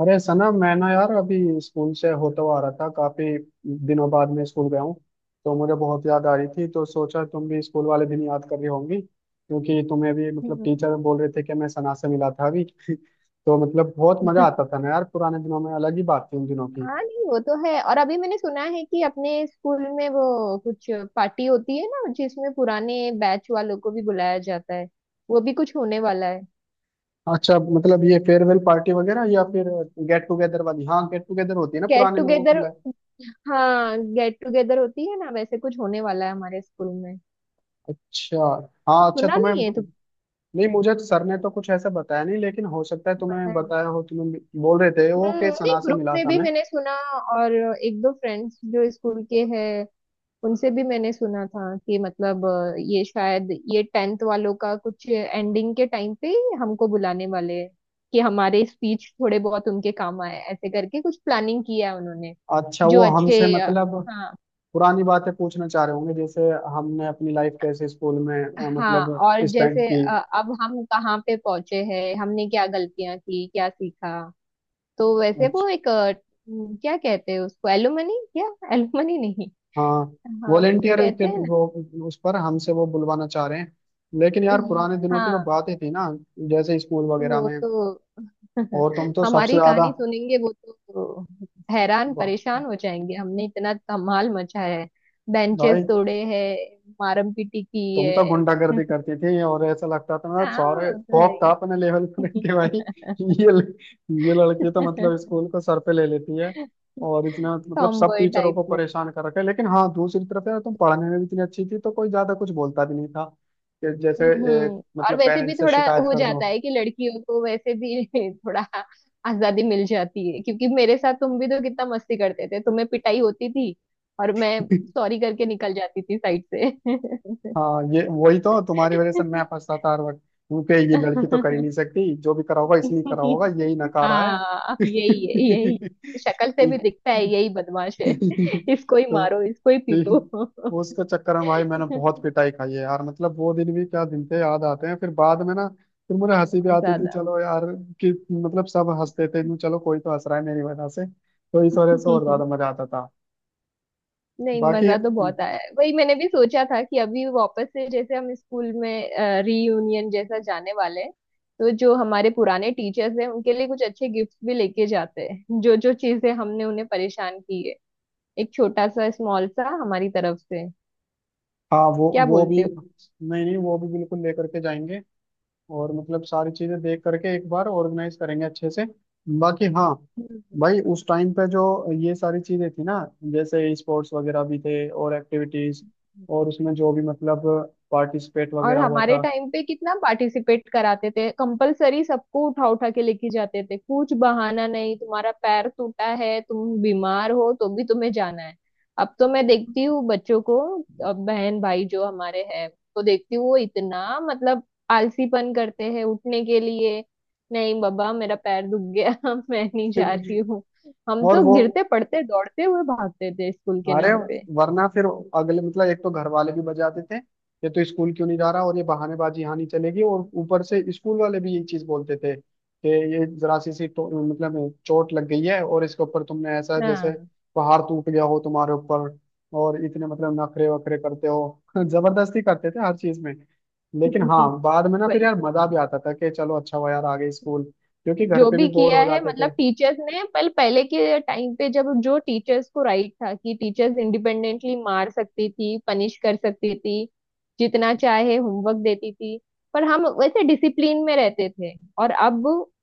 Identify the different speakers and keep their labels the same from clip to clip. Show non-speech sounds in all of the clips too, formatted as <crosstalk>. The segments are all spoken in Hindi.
Speaker 1: अरे सना, मैं ना यार अभी स्कूल से होता हुआ आ रहा था। काफी दिनों बाद मैं स्कूल गया हूँ तो मुझे बहुत याद आ रही थी। तो सोचा तुम भी स्कूल वाले दिन याद कर रही होंगी, क्योंकि तुम्हें भी मतलब
Speaker 2: हम्म।
Speaker 1: टीचर बोल रहे थे कि मैं सना से मिला था अभी। <laughs> तो मतलब बहुत मजा आता था ना यार, पुराने दिनों में अलग ही बात थी उन दिनों की।
Speaker 2: हाँ नहीं, वो तो है। और अभी मैंने सुना है कि अपने स्कूल में वो कुछ पार्टी होती है ना, जिसमें पुराने बैच वालों को भी बुलाया जाता है। वो भी कुछ होने वाला है।
Speaker 1: अच्छा, मतलब ये फेयरवेल पार्टी वगैरह या फिर गेट टुगेदर वाली। हाँ, गेट टुगेदर होती है ना,
Speaker 2: गेट
Speaker 1: पुराने लोगों को
Speaker 2: टुगेदर,
Speaker 1: बुलाए।
Speaker 2: हाँ गेट टुगेदर होती है ना, वैसे कुछ होने वाला है हमारे स्कूल में।
Speaker 1: अच्छा। हाँ अच्छा,
Speaker 2: सुना
Speaker 1: तुम्हें।
Speaker 2: नहीं है तो?
Speaker 1: नहीं, मुझे तो सर ने तो कुछ ऐसा बताया नहीं, लेकिन हो सकता है
Speaker 2: पता
Speaker 1: तुम्हें
Speaker 2: है।
Speaker 1: बताया हो। तुम बोल रहे थे वो
Speaker 2: हम्म,
Speaker 1: के
Speaker 2: नहीं
Speaker 1: सना से
Speaker 2: ग्रुप
Speaker 1: मिला
Speaker 2: में
Speaker 1: था
Speaker 2: भी
Speaker 1: मैं।
Speaker 2: मैंने सुना और एक दो फ्रेंड्स जो स्कूल के हैं उनसे भी मैंने सुना था कि मतलब ये शायद ये टेंथ वालों का कुछ एंडिंग के टाइम पे ही हमको बुलाने वाले हैं कि हमारे स्पीच थोड़े बहुत उनके काम आए। ऐसे करके कुछ प्लानिंग किया है उन्होंने।
Speaker 1: अच्छा,
Speaker 2: जो
Speaker 1: वो हमसे
Speaker 2: अच्छे
Speaker 1: मतलब
Speaker 2: हाँ।
Speaker 1: पुरानी बातें पूछना चाह रहे होंगे, जैसे हमने अपनी लाइफ कैसे स्कूल में
Speaker 2: हाँ,
Speaker 1: मतलब
Speaker 2: और
Speaker 1: स्पेंड
Speaker 2: जैसे
Speaker 1: की।
Speaker 2: अब हम कहाँ पे पहुंचे हैं, हमने क्या गलतियां की, क्या सीखा। तो वैसे वो
Speaker 1: अच्छा,
Speaker 2: एक क्या कहते हैं उसको, एलुमनी क्या? एलुमनी नहीं?
Speaker 1: हाँ
Speaker 2: हाँ, कुछ
Speaker 1: वॉलेंटियर के
Speaker 2: कहते हैं।
Speaker 1: वो, उस पर हमसे वो बुलवाना चाह रहे हैं। लेकिन यार
Speaker 2: ना,
Speaker 1: पुराने दिनों की जो
Speaker 2: हाँ
Speaker 1: बातें थी ना, जैसे स्कूल वगैरह
Speaker 2: वो
Speaker 1: में।
Speaker 2: तो
Speaker 1: और
Speaker 2: <laughs>
Speaker 1: तुम तो सबसे
Speaker 2: हमारी
Speaker 1: ज्यादा।
Speaker 2: कहानी सुनेंगे वो तो हैरान
Speaker 1: वाह,
Speaker 2: परेशान हो जाएंगे। हमने इतना धमाल मचाया है, बेंचेस
Speaker 1: भाई
Speaker 2: तोड़े हैं, मारम पीटी की
Speaker 1: तुम तो
Speaker 2: है।
Speaker 1: गुंडागर्दी
Speaker 2: <laughs>
Speaker 1: करती थी, और ऐसा लगता था मतलब
Speaker 2: हाँ,
Speaker 1: सारे
Speaker 2: वो तो है
Speaker 1: खौफ था
Speaker 2: ही।
Speaker 1: अपने लेवल पर। <laughs> कि भाई ये ये लड़की तो मतलब
Speaker 2: <laughs>
Speaker 1: स्कूल को सर पे ले लेती है, और इसने मतलब सब
Speaker 2: टॉमबॉय
Speaker 1: टीचरों
Speaker 2: टाइप
Speaker 1: को
Speaker 2: में।
Speaker 1: परेशान कर रखा है। लेकिन हाँ, दूसरी तरफ यार तुम पढ़ने में भी इतनी अच्छी थी तो कोई ज्यादा कुछ बोलता भी नहीं था। कि जैसे
Speaker 2: हम्म। और
Speaker 1: मतलब
Speaker 2: वैसे भी
Speaker 1: पेरेंट्स से
Speaker 2: थोड़ा
Speaker 1: शिकायत
Speaker 2: हो
Speaker 1: कर दो।
Speaker 2: जाता है कि लड़कियों को वैसे भी <laughs> थोड़ा आजादी मिल जाती है। क्योंकि मेरे साथ तुम भी तो कितना मस्ती करते थे, तुम्हें पिटाई होती थी और मैं
Speaker 1: <laughs>
Speaker 2: सॉरी करके निकल जाती थी साइड से।
Speaker 1: हाँ, ये वही तो, तुम्हारी वजह से मैं फंसता था हर वक्त, क्योंकि ये लड़की तो कर ही नहीं
Speaker 2: <laughs>
Speaker 1: सकती, जो भी करा होगा इसलिए करा होगा, यही नकारा है।
Speaker 2: हाँ यही है, यही है, शक्ल
Speaker 1: <laughs>
Speaker 2: से भी दिखता है यही बदमाश है। इसको ही
Speaker 1: तो
Speaker 2: मारो, इसको ही पीटो
Speaker 1: तीन
Speaker 2: बहुत
Speaker 1: वो उसके चक्कर में भाई मैंने बहुत पिटाई खाई है यार। मतलब वो दिन भी क्या दिन थे, याद आते हैं फिर बाद में ना। फिर मुझे हंसी भी आती थी,
Speaker 2: ज्यादा।
Speaker 1: चलो यार, कि मतलब सब हंसते थे कि चलो कोई तो हंस रहा है मेरी वजह से। तो इस वजह से और ज्यादा मजा आता था।
Speaker 2: नहीं,
Speaker 1: बाकी
Speaker 2: मजा तो बहुत आया है। वही मैंने भी सोचा था कि अभी वापस से जैसे हम स्कूल में रीयूनियन जैसा जाने वाले हैं तो जो हमारे पुराने टीचर्स हैं उनके लिए कुछ अच्छे गिफ्ट्स भी लेके जाते हैं, जो जो चीजें हमने उन्हें परेशान की है। एक छोटा सा, स्मॉल सा हमारी तरफ से,
Speaker 1: हाँ, वो
Speaker 2: क्या
Speaker 1: वो भी,
Speaker 2: बोलते हो।
Speaker 1: नहीं नहीं, वो भी बिल्कुल लेकर के जाएंगे। और मतलब सारी चीजें देख करके एक बार ऑर्गेनाइज करेंगे अच्छे से। बाकी हाँ,
Speaker 2: हम्म।
Speaker 1: भाई उस टाइम पे जो ये सारी चीजें थी ना, जैसे स्पोर्ट्स वगैरह भी थे और एक्टिविटीज, और उसमें जो भी मतलब पार्टिसिपेट
Speaker 2: और
Speaker 1: वगैरह हुआ
Speaker 2: हमारे
Speaker 1: था।
Speaker 2: टाइम पे कितना पार्टिसिपेट कराते थे, कंपलसरी सबको उठा उठा के लेके जाते थे, कुछ बहाना नहीं, तुम्हारा पैर टूटा है, तुम बीमार हो, तो भी तुम्हें जाना है। अब तो मैं देखती हूँ बच्चों को, बहन भाई जो हमारे हैं, तो देखती हूँ वो इतना मतलब आलसीपन करते हैं उठने के लिए। नहीं बाबा, मेरा पैर दुख गया। <laughs> मैं नहीं जा रही हूँ। हम
Speaker 1: और
Speaker 2: तो
Speaker 1: वो,
Speaker 2: गिरते पड़ते दौड़ते हुए भागते थे स्कूल के
Speaker 1: अरे
Speaker 2: नाम पे।
Speaker 1: वरना फिर अगले मतलब एक तो घर वाले भी बजाते थे, ये तो स्कूल क्यों नहीं जा रहा, और ये बहानेबाजी यहाँ नहीं चलेगी। और ऊपर से स्कूल वाले भी ये चीज बोलते थे कि ये जरा सी सी तो, मतलब चोट लग गई है और इसके ऊपर तुमने ऐसा जैसे
Speaker 2: हाँ।
Speaker 1: पहाड़ टूट गया हो तुम्हारे ऊपर, और इतने मतलब नखरे वखरे करते हो। <laughs> जबरदस्ती करते थे हर चीज में। लेकिन हाँ,
Speaker 2: <laughs>
Speaker 1: बाद में ना फिर
Speaker 2: वही।
Speaker 1: यार मजा भी आता था कि चलो अच्छा हुआ यार आ गए स्कूल, क्योंकि घर
Speaker 2: जो
Speaker 1: पे भी
Speaker 2: भी
Speaker 1: बोर
Speaker 2: किया
Speaker 1: हो
Speaker 2: है
Speaker 1: जाते थे।
Speaker 2: मतलब टीचर्स ने पहले पहले के टाइम पे, जब जो टीचर्स को राइट था कि टीचर्स इंडिपेंडेंटली मार सकती थी, पनिश कर सकती थी, जितना चाहे होमवर्क देती थी। पर हम वैसे डिसिप्लिन में रहते थे। और अब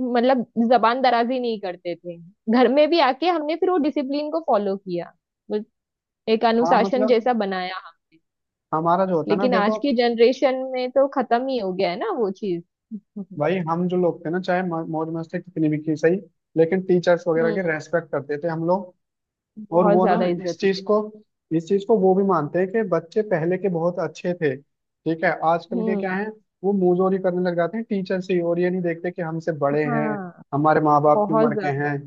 Speaker 2: मतलब जबान दराजी नहीं करते थे, घर में भी आके हमने फिर वो डिसिप्लिन को फॉलो किया। बस एक
Speaker 1: हाँ,
Speaker 2: अनुशासन
Speaker 1: मतलब
Speaker 2: जैसा बनाया हमने।
Speaker 1: हमारा जो होता ना,
Speaker 2: लेकिन
Speaker 1: देखो
Speaker 2: आज की जनरेशन में तो खत्म ही हो गया है ना वो चीज। <laughs>
Speaker 1: भाई, हम जो लोग थे ना, चाहे मौज मस्ती कितनी भी की सही, लेकिन टीचर्स वगैरह के
Speaker 2: हम्म।
Speaker 1: रेस्पेक्ट करते थे हम लोग। और
Speaker 2: बहुत
Speaker 1: वो ना
Speaker 2: ज्यादा
Speaker 1: इस
Speaker 2: इज्जत
Speaker 1: चीज
Speaker 2: देते
Speaker 1: को इस चीज को वो भी मानते हैं कि बच्चे पहले के बहुत अच्छे थे। ठीक है,
Speaker 2: हैं।
Speaker 1: आजकल के क्या
Speaker 2: हम्म।
Speaker 1: है, वो मुंहजोरी करने लग जाते हैं टीचर से ही, और ये नहीं देखते कि हमसे बड़े हैं,
Speaker 2: हाँ
Speaker 1: हमारे माँ बाप की
Speaker 2: बहुत
Speaker 1: उम्र के हैं।
Speaker 2: ज्यादा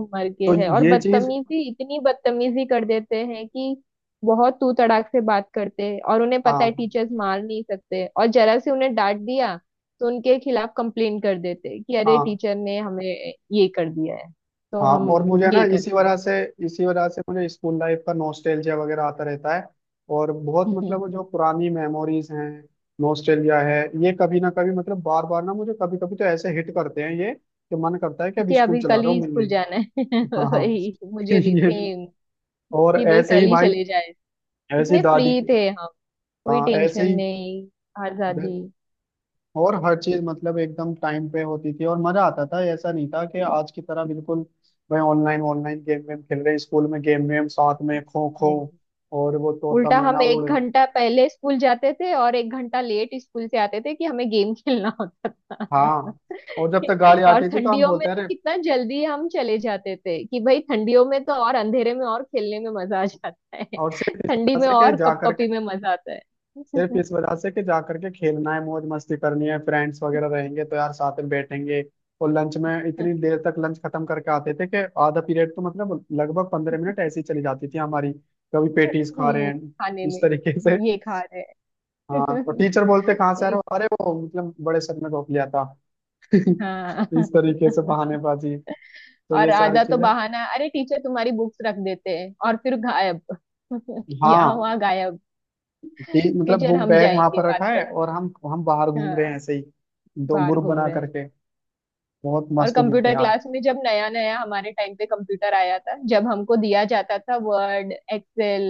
Speaker 2: उम्र के
Speaker 1: तो
Speaker 2: है, और
Speaker 1: ये चीज।
Speaker 2: बदतमीजी, इतनी बदतमीजी कर देते हैं कि बहुत तू तड़ाक से बात करते हैं। और उन्हें पता है
Speaker 1: हाँ
Speaker 2: टीचर्स मार नहीं सकते, और जरा से उन्हें डांट दिया तो उनके खिलाफ कंप्लेन कर देते हैं कि अरे
Speaker 1: हाँ
Speaker 2: टीचर ने हमें ये कर दिया है तो
Speaker 1: हाँ।
Speaker 2: हम
Speaker 1: और मुझे ना
Speaker 2: ये कर
Speaker 1: इसी
Speaker 2: देंगे।
Speaker 1: वजह से इसी वजह से मुझे स्कूल लाइफ का नॉस्टैल्जिया वगैरह आता रहता है। और बहुत मतलब वो
Speaker 2: <laughs>
Speaker 1: जो पुरानी मेमोरीज हैं, नॉस्टैल्जिया है। ये कभी ना कभी मतलब बार बार ना मुझे कभी कभी तो ऐसे हिट करते हैं ये, कि मन करता है कि अब
Speaker 2: कि
Speaker 1: स्कूल
Speaker 2: अभी
Speaker 1: चला
Speaker 2: कल
Speaker 1: रहा हूँ
Speaker 2: ही
Speaker 1: मिलने।
Speaker 2: स्कूल जाना है।
Speaker 1: हाँ
Speaker 2: <laughs>
Speaker 1: हाँ।
Speaker 2: वही मुझे
Speaker 1: <laughs>
Speaker 2: भी
Speaker 1: ये,
Speaker 2: सेम,
Speaker 1: और
Speaker 2: कि बस
Speaker 1: ऐसे
Speaker 2: कल
Speaker 1: ही
Speaker 2: ही
Speaker 1: भाई,
Speaker 2: चले जाए।
Speaker 1: ऐसी
Speaker 2: कितने
Speaker 1: दादी।
Speaker 2: फ्री थे हम, कोई
Speaker 1: हाँ ऐसे
Speaker 2: टेंशन
Speaker 1: ही,
Speaker 2: नहीं, आजादी
Speaker 1: और हर चीज मतलब एकदम टाइम पे होती थी और मजा आता था। ऐसा नहीं था कि आज की तरह बिल्कुल, भाई ऑनलाइन ऑनलाइन गेम वेम खेल रहे हैं। स्कूल में गेम वेम साथ में खो खो
Speaker 2: है।
Speaker 1: और वो तोता
Speaker 2: उल्टा
Speaker 1: मैना
Speaker 2: हम एक
Speaker 1: उड़।
Speaker 2: घंटा पहले स्कूल जाते थे और 1 घंटा लेट स्कूल से आते थे कि हमें गेम खेलना होता था।
Speaker 1: हाँ, और जब तक
Speaker 2: <laughs>
Speaker 1: गाड़ी
Speaker 2: और
Speaker 1: आती थी तो हम
Speaker 2: ठंडियों में
Speaker 1: बोलते
Speaker 2: तो
Speaker 1: रहे।
Speaker 2: कितना जल्दी हम चले जाते थे कि भाई ठंडियों में तो और अंधेरे में और खेलने में मजा आ जाता है।
Speaker 1: और
Speaker 2: <laughs> ठंडी में और कपकपी में मजा आता
Speaker 1: सिर्फ
Speaker 2: है।
Speaker 1: इस
Speaker 2: <laughs>
Speaker 1: वजह से कि जा करके खेलना है, मौज मस्ती करनी है, फ्रेंड्स वगैरह रहेंगे तो यार साथ में बैठेंगे। और लंच में इतनी देर तक लंच खत्म करके आते थे कि आधा पीरियड तो मतलब लगभग 15 मिनट ऐसी चली जाती थी हमारी। कभी पेटीज खा रहे हैं
Speaker 2: खाने
Speaker 1: इस
Speaker 2: में
Speaker 1: तरीके से।
Speaker 2: ये खा रहे
Speaker 1: हाँ, और
Speaker 2: हैं।
Speaker 1: टीचर बोलते कहाँ से आ रहे हो, अरे वो मतलब बड़े सर ने रोक लिया था। <laughs>
Speaker 2: <laughs> हाँ।
Speaker 1: इस तरीके से
Speaker 2: <laughs>
Speaker 1: बहानेबाजी। तो
Speaker 2: और
Speaker 1: ये सारी
Speaker 2: आधा तो
Speaker 1: चीजें।
Speaker 2: बहाना, अरे टीचर तुम्हारी बुक्स रख देते हैं और फिर गायब। <laughs> यहाँ
Speaker 1: हाँ,
Speaker 2: वहाँ गायब।
Speaker 1: मतलब
Speaker 2: टीचर
Speaker 1: वो
Speaker 2: हम
Speaker 1: बैग वहां
Speaker 2: जाएंगे
Speaker 1: पर
Speaker 2: बात
Speaker 1: रखा है
Speaker 2: करने,
Speaker 1: और हम बाहर घूम रहे हैं
Speaker 2: हाँ,
Speaker 1: ऐसे ही, दो
Speaker 2: बाहर
Speaker 1: ग्रुप
Speaker 2: घूम
Speaker 1: बना
Speaker 2: रहे हैं।
Speaker 1: करके। बहुत
Speaker 2: और
Speaker 1: मस्त दिन थे।
Speaker 2: कंप्यूटर क्लास में जब नया नया हमारे टाइम पे कंप्यूटर आया था, जब हमको दिया जाता था वर्ड, एक्सेल,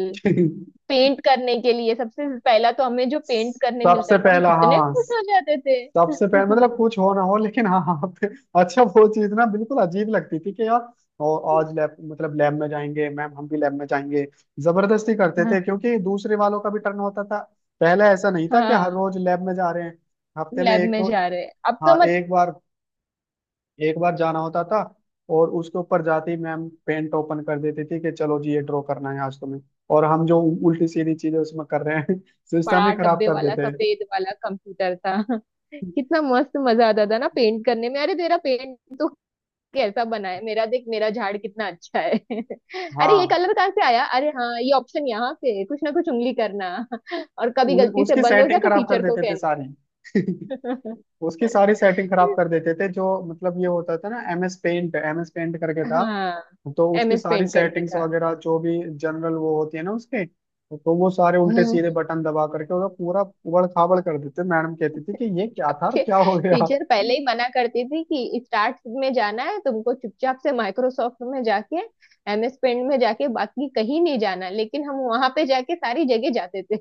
Speaker 2: पेंट करने के लिए, सबसे पहला तो हमें जो पेंट करने
Speaker 1: सबसे
Speaker 2: मिलता था हम
Speaker 1: पहला,
Speaker 2: कितने
Speaker 1: हाँ,
Speaker 2: खुश हो जाते थे।
Speaker 1: सबसे पहला
Speaker 2: <laughs>
Speaker 1: मतलब कुछ हो ना हो, लेकिन हाँ हाँ अच्छा वो चीज ना बिल्कुल अजीब लगती थी कि यार। और आज लैब, मतलब लैब में जाएंगे, मैम हम भी लैब में जाएंगे। जबरदस्ती करते थे,
Speaker 2: हाँ।
Speaker 1: क्योंकि दूसरे वालों का भी टर्न होता था। पहले ऐसा नहीं था कि हर
Speaker 2: हाँ,
Speaker 1: रोज लैब में जा रहे हैं, हफ्ते में
Speaker 2: लैब
Speaker 1: एक
Speaker 2: में
Speaker 1: तो।
Speaker 2: जा रहे हैं अब तो।
Speaker 1: हाँ, एक बार जाना होता था। और उसके ऊपर जाते ही मैम पेन ओपन कर देती थी कि चलो जी ये ड्रॉ करना है आज तुम्हें। और हम जो उल्टी सीधी चीजें उसमें कर रहे हैं, <laughs> सिस्टम
Speaker 2: बड़ा
Speaker 1: ही खराब
Speaker 2: डब्बे
Speaker 1: कर
Speaker 2: वाला
Speaker 1: देते हैं।
Speaker 2: सफेद वाला कंप्यूटर था। <laughs> कितना मस्त मजा आता था ना पेंट करने में। अरे तेरा पेंट तो कैसा बना है, मेरा देख, मेरा झाड़ कितना अच्छा है। <laughs> अरे ये
Speaker 1: हाँ,
Speaker 2: कलर कहाँ से आया, अरे हाँ ये ऑप्शन यहाँ से है। कुछ ना कुछ उंगली करना। <laughs> और कभी गलती से
Speaker 1: उसकी
Speaker 2: बंद हो गया
Speaker 1: सेटिंग
Speaker 2: तो
Speaker 1: खराब कर
Speaker 2: टीचर को
Speaker 1: देते थे
Speaker 2: कहना।
Speaker 1: सारी। <laughs> उसकी सारी
Speaker 2: <laughs>
Speaker 1: सेटिंग खराब कर देते थे। जो मतलब ये होता था ना, एमएस पेंट, एमएस पेंट करके था।
Speaker 2: हाँ,
Speaker 1: तो उसकी
Speaker 2: एमएस
Speaker 1: सारी
Speaker 2: पेंट करके
Speaker 1: सेटिंग्स
Speaker 2: था।
Speaker 1: वगैरह जो भी जनरल वो होती है ना उसके, तो वो सारे उल्टे
Speaker 2: हम्म,
Speaker 1: सीधे बटन दबा करके उसका पूरा उबड़ खाबड़ कर देते। मैडम कहती थी कि ये क्या था और
Speaker 2: सबके
Speaker 1: क्या हो गया।
Speaker 2: टीचर पहले ही मना करती थी कि स्टार्ट में जाना है तुमको, चुपचाप से माइक्रोसॉफ्ट में जाके एमएस पेंट में जाके, बाकी कहीं नहीं जाना। लेकिन हम वहां पे जाके सारी जगह जाते थे।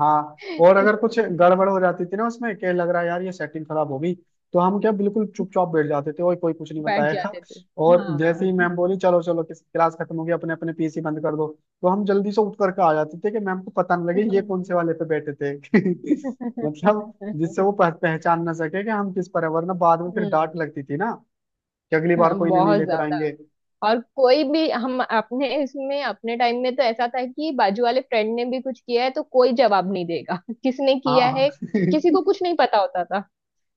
Speaker 1: हाँ, और अगर कुछ
Speaker 2: <laughs>
Speaker 1: गड़बड़ हो जाती थी ना उसमें, क्या लग रहा है यार ये सेटिंग खराब होगी, तो हम क्या बिल्कुल चुपचाप बैठ जाते थे और कोई कुछ नहीं
Speaker 2: बैठ
Speaker 1: बताएगा।
Speaker 2: जाते थे।
Speaker 1: और जैसे
Speaker 2: हाँ।
Speaker 1: ही मैम बोली, चलो चलो किस क्लास खत्म होगी, अपने अपने पीसी बंद कर दो, तो हम जल्दी से उठ करके आ जाते थे कि मैम को पता न लगे ये
Speaker 2: हम्म।
Speaker 1: कौन से वाले पे बैठे थे। <laughs> मतलब जिससे वो पहचान ना सके कि हम किस पर है, वरना बाद में फिर
Speaker 2: हम्म।
Speaker 1: डांट लगती थी ना कि अगली बार
Speaker 2: हाँ
Speaker 1: कोई इन्हें नहीं
Speaker 2: बहुत
Speaker 1: लेकर
Speaker 2: ज्यादा।
Speaker 1: आएंगे।
Speaker 2: और कोई भी, हम अपने इसमें अपने टाइम में तो ऐसा था कि बाजू वाले फ्रेंड ने भी कुछ किया है तो कोई जवाब नहीं देगा। <laughs> किसने किया
Speaker 1: हाँ।
Speaker 2: है, किसी को
Speaker 1: <laughs>
Speaker 2: कुछ नहीं पता होता।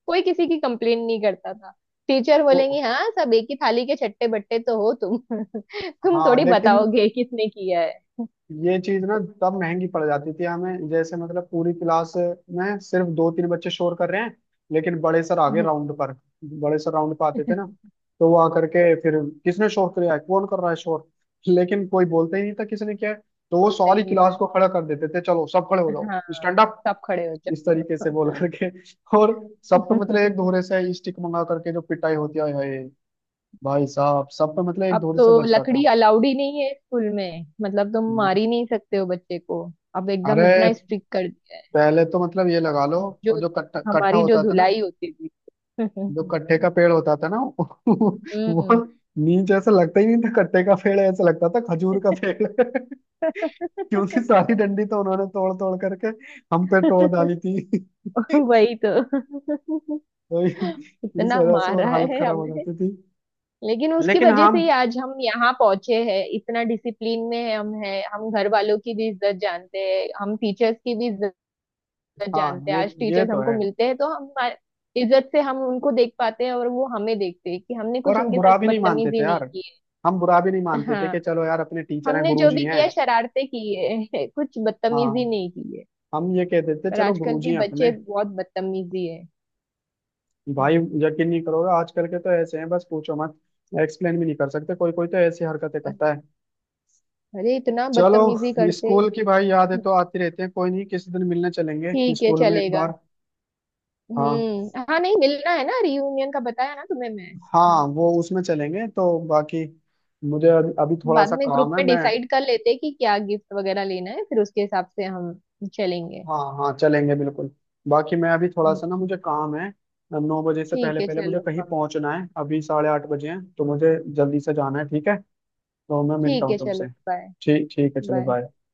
Speaker 2: कोई किसी की कंप्लेन नहीं करता था। टीचर बोलेंगे
Speaker 1: तो
Speaker 2: हाँ सब एक ही थाली के छट्टे बट्टे तो हो तुम। <laughs> तुम
Speaker 1: हाँ,
Speaker 2: थोड़ी
Speaker 1: लेकिन
Speaker 2: बताओगे किसने किया है।
Speaker 1: ये चीज ना तब महंगी पड़ जाती थी हमें, जैसे मतलब पूरी क्लास में सिर्फ दो तीन बच्चे शोर कर रहे हैं, लेकिन बड़े सर आ गए
Speaker 2: हम्म।
Speaker 1: राउंड पर। बड़े सर राउंड पर आते थे ना,
Speaker 2: <laughs>
Speaker 1: तो वो आकर के फिर, किसने शोर किया है, कौन कर रहा है शोर, लेकिन कोई बोलता ही नहीं था किसने किया है। तो वो
Speaker 2: बोलता ही
Speaker 1: सारी
Speaker 2: नहीं
Speaker 1: क्लास
Speaker 2: था।
Speaker 1: को खड़ा कर देते थे, चलो सब खड़े हो जाओ,
Speaker 2: हाँ
Speaker 1: स्टैंड अप,
Speaker 2: सब खड़े हो
Speaker 1: इस तरीके
Speaker 2: जाओ।
Speaker 1: से बोल करके। और सब पे मतलब एक
Speaker 2: <laughs>
Speaker 1: दोहरे से स्टिक मंगा करके जो पिटाई होती है, हाय हाय, भाई साहब सब पे मतलब एक
Speaker 2: अब
Speaker 1: दोहरे से
Speaker 2: तो
Speaker 1: बजता
Speaker 2: लकड़ी
Speaker 1: था।
Speaker 2: अलाउड ही नहीं है स्कूल में, मतलब तुम मार ही नहीं सकते हो बच्चे को। अब एकदम
Speaker 1: अरे
Speaker 2: इतना स्ट्रिक्ट कर दिया है।
Speaker 1: पहले तो मतलब ये
Speaker 2: और
Speaker 1: लगा लो, और
Speaker 2: जो
Speaker 1: जो कट्ठा कट्ठा
Speaker 2: हमारी जो
Speaker 1: होता था ना,
Speaker 2: धुलाई होती थी।
Speaker 1: जो
Speaker 2: <laughs>
Speaker 1: कट्ठे का पेड़ होता था ना, <laughs>
Speaker 2: हम्म।
Speaker 1: वो नीचे ऐसा लगता ही नहीं था कट्ठे का पेड़ है, ऐसा लगता था खजूर का पेड़ है। <laughs> क्योंकि सारी डंडी तो उन्होंने तोड़ तोड़ करके हम पे तोड़ डाली
Speaker 2: <laughs>
Speaker 1: थी। <laughs>
Speaker 2: वही तो। <laughs>
Speaker 1: तो इस
Speaker 2: इतना
Speaker 1: वजह से और
Speaker 2: मारा
Speaker 1: हालत
Speaker 2: है
Speaker 1: खराब हो
Speaker 2: हमें,
Speaker 1: जाती थी।
Speaker 2: लेकिन उसकी
Speaker 1: लेकिन
Speaker 2: वजह
Speaker 1: हम,
Speaker 2: से ही आज हम यहाँ पहुंचे हैं, इतना डिसिप्लिन में है हम, हैं हम, घर वालों की भी इज्जत जानते हैं हम, टीचर्स की भी इज्जत
Speaker 1: हाँ
Speaker 2: जानते हैं।
Speaker 1: ये
Speaker 2: आज
Speaker 1: ये
Speaker 2: टीचर्स
Speaker 1: तो
Speaker 2: हमको
Speaker 1: है।
Speaker 2: मिलते हैं तो हम इज्जत से हम उनको देख पाते हैं और वो हमें देखते हैं कि हमने
Speaker 1: और
Speaker 2: कुछ
Speaker 1: हम
Speaker 2: उनके साथ
Speaker 1: बुरा भी नहीं मानते
Speaker 2: बदतमीजी
Speaker 1: थे
Speaker 2: नहीं
Speaker 1: यार,
Speaker 2: की
Speaker 1: हम बुरा भी नहीं
Speaker 2: है।
Speaker 1: मानते थे कि
Speaker 2: हाँ
Speaker 1: चलो यार अपने टीचर हैं,
Speaker 2: हमने जो भी
Speaker 1: गुरुजी हैं।
Speaker 2: किया शरारते की है। <laughs> कुछ बदतमीजी
Speaker 1: हाँ,
Speaker 2: नहीं की है।
Speaker 1: हम ये कहते थे
Speaker 2: पर
Speaker 1: चलो
Speaker 2: आजकल
Speaker 1: गुरुजी
Speaker 2: के
Speaker 1: हैं अपने।
Speaker 2: बच्चे बहुत बदतमीजी है,
Speaker 1: भाई यकीन नहीं करोगे, आजकल के तो ऐसे हैं, बस पूछो मत। एक्सप्लेन भी नहीं कर सकते, कोई कोई तो ऐसी हरकतें करता है।
Speaker 2: अरे इतना
Speaker 1: चलो,
Speaker 2: बदतमीजी करते।
Speaker 1: स्कूल की भाई यादें तो आती रहती हैं, कोई नहीं किसी दिन मिलने चलेंगे
Speaker 2: ठीक है,
Speaker 1: स्कूल में एक
Speaker 2: चलेगा।
Speaker 1: बार। हाँ
Speaker 2: हाँ, नहीं मिलना है ना, रियूनियन का बताया ना तुम्हें मैं,
Speaker 1: हाँ, वो उसमें चलेंगे तो। बाकी मुझे अभी अभी थोड़ा सा
Speaker 2: बाद में ग्रुप
Speaker 1: काम है
Speaker 2: में
Speaker 1: मैं।
Speaker 2: डिसाइड कर लेते हैं कि क्या गिफ्ट वगैरह लेना है फिर उसके हिसाब से हम चलेंगे।
Speaker 1: हाँ हाँ चलेंगे बिल्कुल। बाकी मैं अभी थोड़ा
Speaker 2: हम्म।
Speaker 1: सा ना मुझे काम है। 9 बजे से
Speaker 2: ठीक
Speaker 1: पहले
Speaker 2: है
Speaker 1: पहले मुझे
Speaker 2: चलो।
Speaker 1: कहीं
Speaker 2: हाँ
Speaker 1: पहुंचना है, अभी 8:30 बजे हैं, तो मुझे जल्दी से जाना है ठीक है। तो मैं मिलता
Speaker 2: ठीक है,
Speaker 1: हूँ
Speaker 2: चलो
Speaker 1: तुमसे।
Speaker 2: बाय।
Speaker 1: ठीक ठीक है चलो,
Speaker 2: बाय।
Speaker 1: बाय।